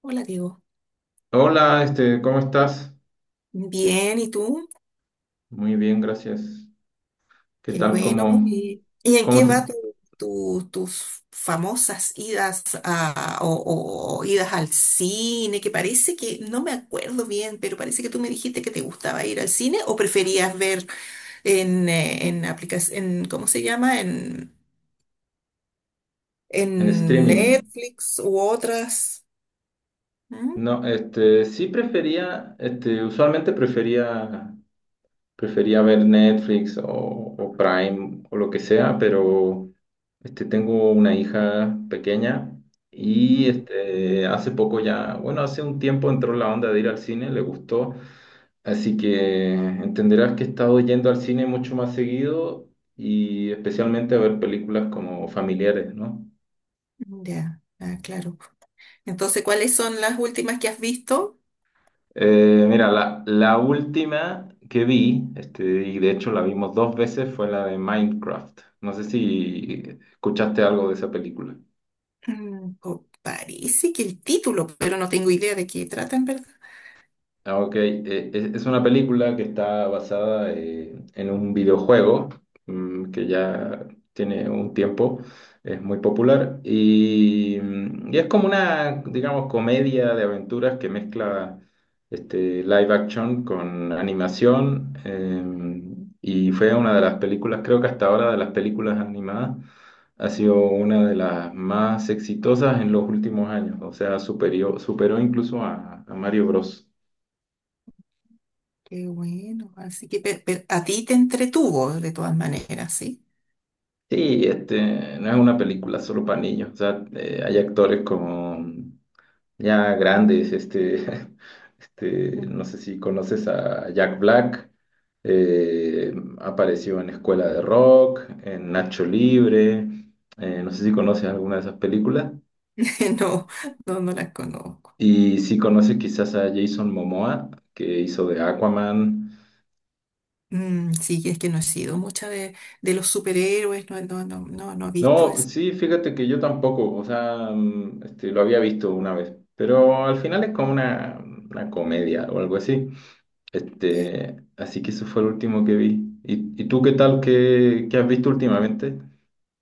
Hola, Diego. Hola, ¿cómo estás? Bien, ¿y tú? Muy bien, gracias. ¿Qué Qué tal? bueno. ¿Y en cómo qué va te- tus famosas idas o idas al cine? Que parece que, no me acuerdo bien, pero parece que tú me dijiste que te gustaba ir al cine o preferías ver en aplicación, ¿cómo se llama? En, ¿En en streaming? Netflix u otras. ¿Mm? No, sí prefería, usualmente prefería ver Netflix o Prime o lo que sea, pero tengo una hija pequeña y Ujú. Hace poco ya, bueno, hace un tiempo entró la onda de ir al cine, le gustó, así que entenderás que he estado yendo al cine mucho más seguido y especialmente a ver películas como familiares, ¿no? Ya, ah, claro. Entonces, ¿cuáles son las últimas que has visto? Mira, la última que vi, y de hecho la vimos dos veces, fue la de Minecraft. No sé si escuchaste algo de esa película. Parece que el título, pero no tengo idea de qué trata en verdad. Ah, ok. Es una película que está basada en un videojuego que ya tiene un tiempo, es muy popular y, y es como una, digamos, comedia de aventuras que mezcla live action con animación, y fue una de las películas, creo que hasta ahora de las películas animadas, ha sido una de las más exitosas en los últimos años, o sea, superó incluso a Mario Bros. Qué bueno, así que a ti te entretuvo de todas maneras, ¿sí? Sí, no es una película solo para niños, o sea, hay actores como ya grandes, Mm. no sé si conoces a Jack Black, apareció en Escuela de Rock, en Nacho Libre, no sé si conoces alguna de esas películas, No, no, no las conozco. y si conoces quizás a Jason Momoa, que hizo de Aquaman. Mm, sí, es que no he sido mucha de los superhéroes, no, no, no, no, no he visto No, eso. pues sí, fíjate que yo tampoco, o sea, lo había visto una vez, pero al final es como una comedia o algo así. Así que eso fue el último que vi. ¿Y tú qué tal? ¿Qué has visto últimamente?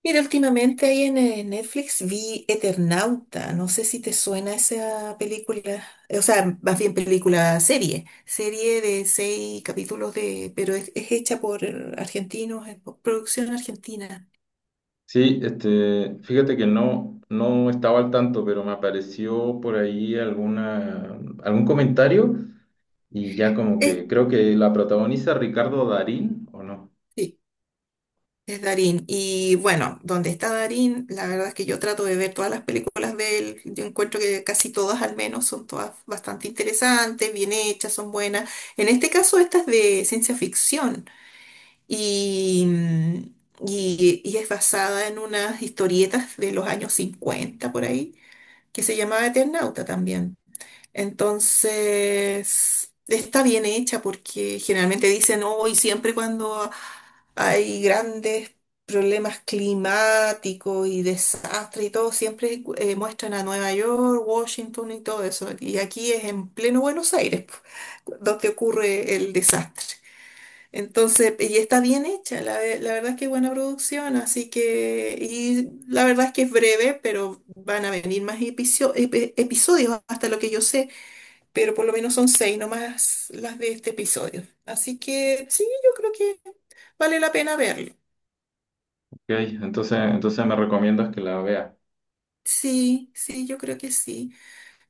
Mira, últimamente ahí en Netflix vi Eternauta, no sé si te suena esa película, o sea, más bien película serie de seis capítulos de, pero es hecha por argentinos, es por producción argentina. Sí, fíjate que no, no estaba al tanto, pero me apareció por ahí alguna, algún comentario y ya como Eh, que creo que la protagoniza Ricardo Darín, ¿o no? sí, es Darín. Y bueno, donde está Darín, la verdad es que yo trato de ver todas las películas de él, yo encuentro que casi todas al menos son todas bastante interesantes, bien hechas, son buenas. En este caso, esta es de ciencia ficción. y, mm, y es basada en unas historietas de los años 50 por ahí, que se llamaba Eternauta también. Entonces, está bien hecha porque generalmente dicen, hoy siempre cuando hay grandes problemas climáticos y desastres y todo, siempre muestran a Nueva York, Washington y todo eso. Y aquí es en pleno Buenos Aires, donde ocurre el desastre. Entonces, y está bien hecha, la verdad es que es buena producción, así que, y la verdad es que es breve, pero van a venir más episodios, hasta lo que yo sé, pero por lo menos son seis nomás las de este episodio. Así que sí, yo creo que vale la pena verlo. Ok, entonces me recomiendas que la vea. Sí, sí, yo creo que sí.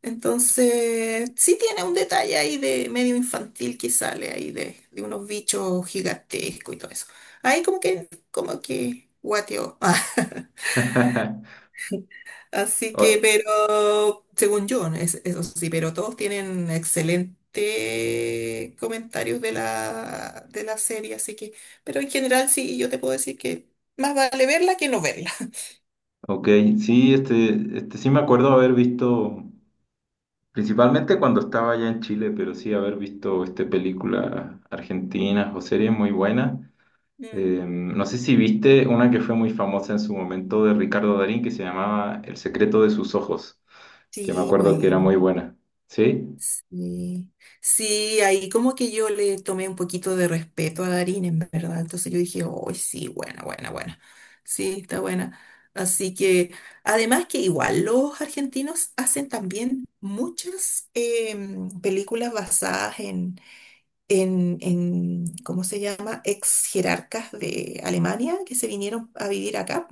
Entonces, sí tiene un detalle ahí de medio infantil que sale ahí de unos bichos gigantescos y todo eso. Ahí como que, guateo. Así que, O- pero, según yo, eso sí, pero todos tienen excelentes comentarios de la serie, así que, pero en general sí, yo te puedo decir que más vale verla que no verla. Ok, sí, sí me acuerdo haber visto, principalmente cuando estaba allá en Chile, pero sí haber visto películas argentinas o series muy buenas. Mm. No sé si viste una que fue muy famosa en su momento de Ricardo Darín que se llamaba El secreto de sus ojos, que me Sí, acuerdo que era bueno. muy buena. ¿Sí? Sí, sí, ahí como que yo le tomé un poquito de respeto a Darín, en verdad. Entonces yo dije, oh, sí, buena, buena, buena. Sí, está buena. Así que, además que igual los argentinos hacen también muchas películas basadas ¿cómo se llama? Ex jerarcas de Alemania que se vinieron a vivir acá.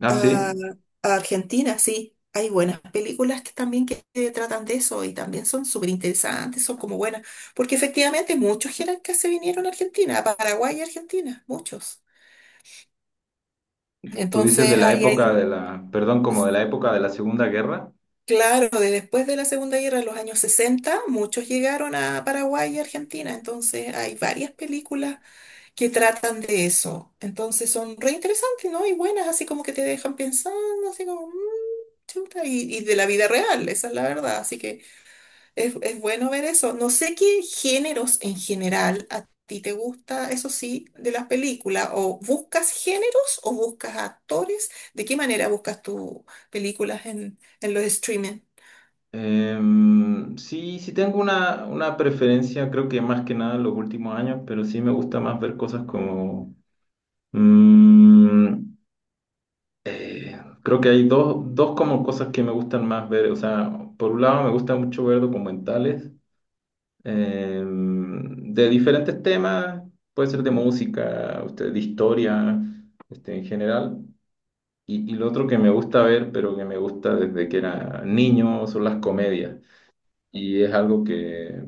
Ah, A, sí. a Argentina, sí. Hay buenas películas que también que tratan de eso y también son súper interesantes, son como buenas, porque efectivamente muchos jerarcas se vinieron a Argentina, a Paraguay y Argentina, muchos. Tú dices de Entonces, la época de la, perdón, como es- de la época de la Segunda Guerra. claro, de después de la Segunda Guerra, en los años 60 muchos llegaron a Paraguay y Argentina, entonces hay varias películas que tratan de eso. Entonces son re interesantes, ¿no? Y buenas, así como que te dejan pensando, así como, "Mm, chuta", y de la vida real, esa es la verdad. Así que es bueno ver eso. No sé qué géneros en general a ti te gusta, eso sí, de las películas, o buscas géneros o buscas actores. ¿De qué manera buscas tus películas en los streaming? Sí, sí tengo una preferencia, creo que más que nada en los últimos años, pero sí me gusta más ver cosas como mm, eh, creo que hay dos, dos como cosas que me gustan más ver. O sea, por un lado me gusta mucho ver documentales, de diferentes temas, puede ser de Mm. música, usted, de historia, en general. Y lo otro que me gusta ver, pero que me gusta desde que era niño, son las comedias. Y es algo que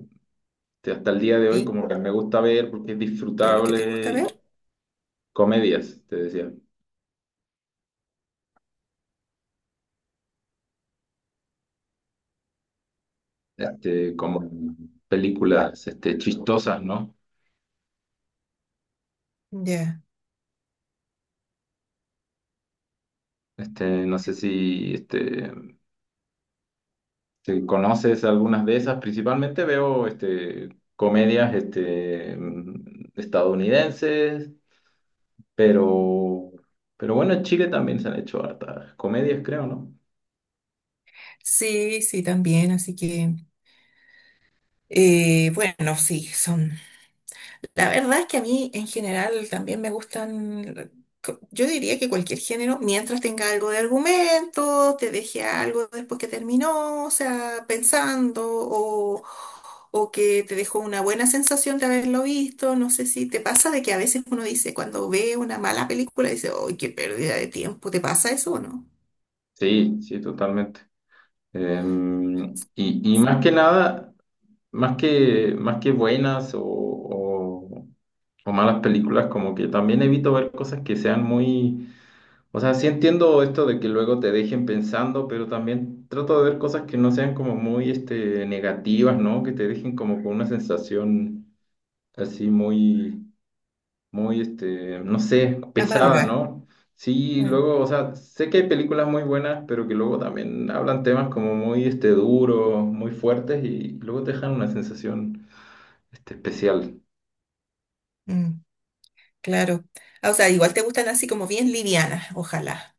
hasta el día de hoy ¿Sí? como que me gusta ver porque es ¿Qué es lo que te gusta disfrutable, y ver? comedias, te decía, como películas chistosas, ¿no? Ya. No sé si si conoces algunas de esas, principalmente veo comedias estadounidenses, pero, pero bueno, en Chile también se han hecho hartas comedias, creo, ¿no? Sí, sí, también, así que, bueno, sí, son la verdad es que a mí en general también me gustan, yo diría que cualquier género, mientras tenga algo de argumento, te deje algo después que terminó, o sea, pensando, o que te dejó una buena sensación de haberlo visto. No sé si te pasa de que a veces uno dice, cuando ve una mala película, dice, ¡ay, qué pérdida de tiempo! ¿Te pasa eso o no? Sí, sí, totalmente. Y más que nada, más que buenas o, o malas películas, como que también evito ver cosas que sean muy. O sea, sí entiendo esto de que luego te dejen pensando, pero también trato de ver cosas que no sean como muy negativas, ¿no? Que te dejen como con una sensación así muy, muy, no sé, pesada, Amarga. ¿no? Sí, Eh, luego, o sea, sé que hay películas muy buenas, pero que luego también hablan temas como muy, duros, muy fuertes y luego te dejan una sensación especial. mm, claro. Ah, o sea, igual te gustan así como bien livianas, ojalá.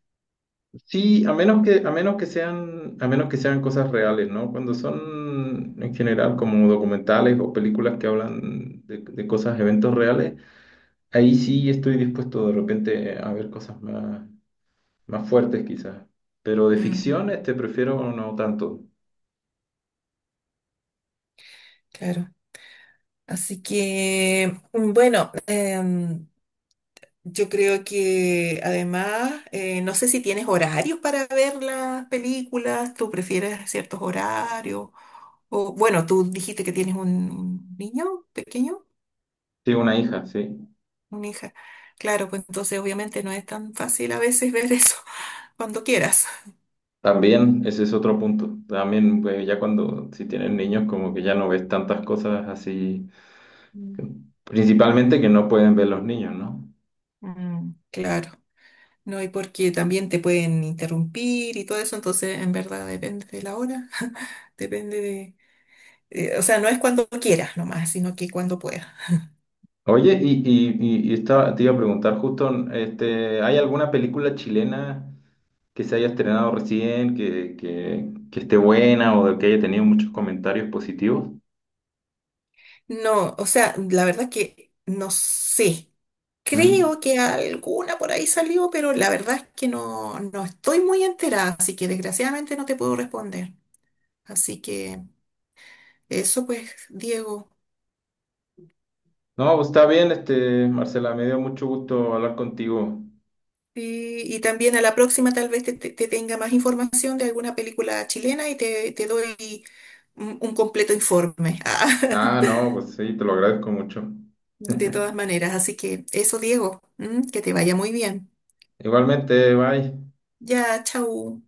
Sí, a menos que sean, a menos que sean cosas reales, ¿no? Cuando son en general como documentales o películas que hablan de cosas, eventos reales, ahí sí estoy dispuesto de repente a ver cosas más, más fuertes quizás. Pero de Mm, ficción, prefiero no tanto. claro. Así que, bueno, yo creo que además, no sé si tienes horarios para ver las películas, tú prefieres ciertos horarios, o bueno, tú dijiste que tienes un niño pequeño, Sí, una hija, sí. una hija. Claro, pues entonces obviamente no es tan fácil a veces ver eso cuando quieras. También, ese es otro punto. También, pues, ya cuando, si tienen niños, como que ya no ves tantas cosas así, Mm. principalmente que no pueden ver los niños, ¿no? Mm, claro, no, y porque también te pueden interrumpir y todo eso, entonces en verdad depende de la hora, depende o sea, no es cuando quieras nomás, sino que cuando puedas. Oye, te iba a preguntar justo, ¿hay alguna película chilena que se haya estrenado recién, que esté buena o que haya tenido muchos comentarios positivos? No, o sea, la verdad que no sé. ¿Mm? Creo que alguna por ahí salió, pero la verdad es que no, no estoy muy enterada, así que desgraciadamente no te puedo responder. Así que eso pues, Diego. No, pues está bien, Marcela, me dio mucho gusto hablar contigo. Y también a la próxima tal vez te tenga más información de alguna película chilena y te doy un completo informe. Ah, no, pues sí, te lo agradezco mucho. De todas maneras, así que eso, Diego, ¿m? Que te vaya muy bien. Igualmente, bye. Ya, chau.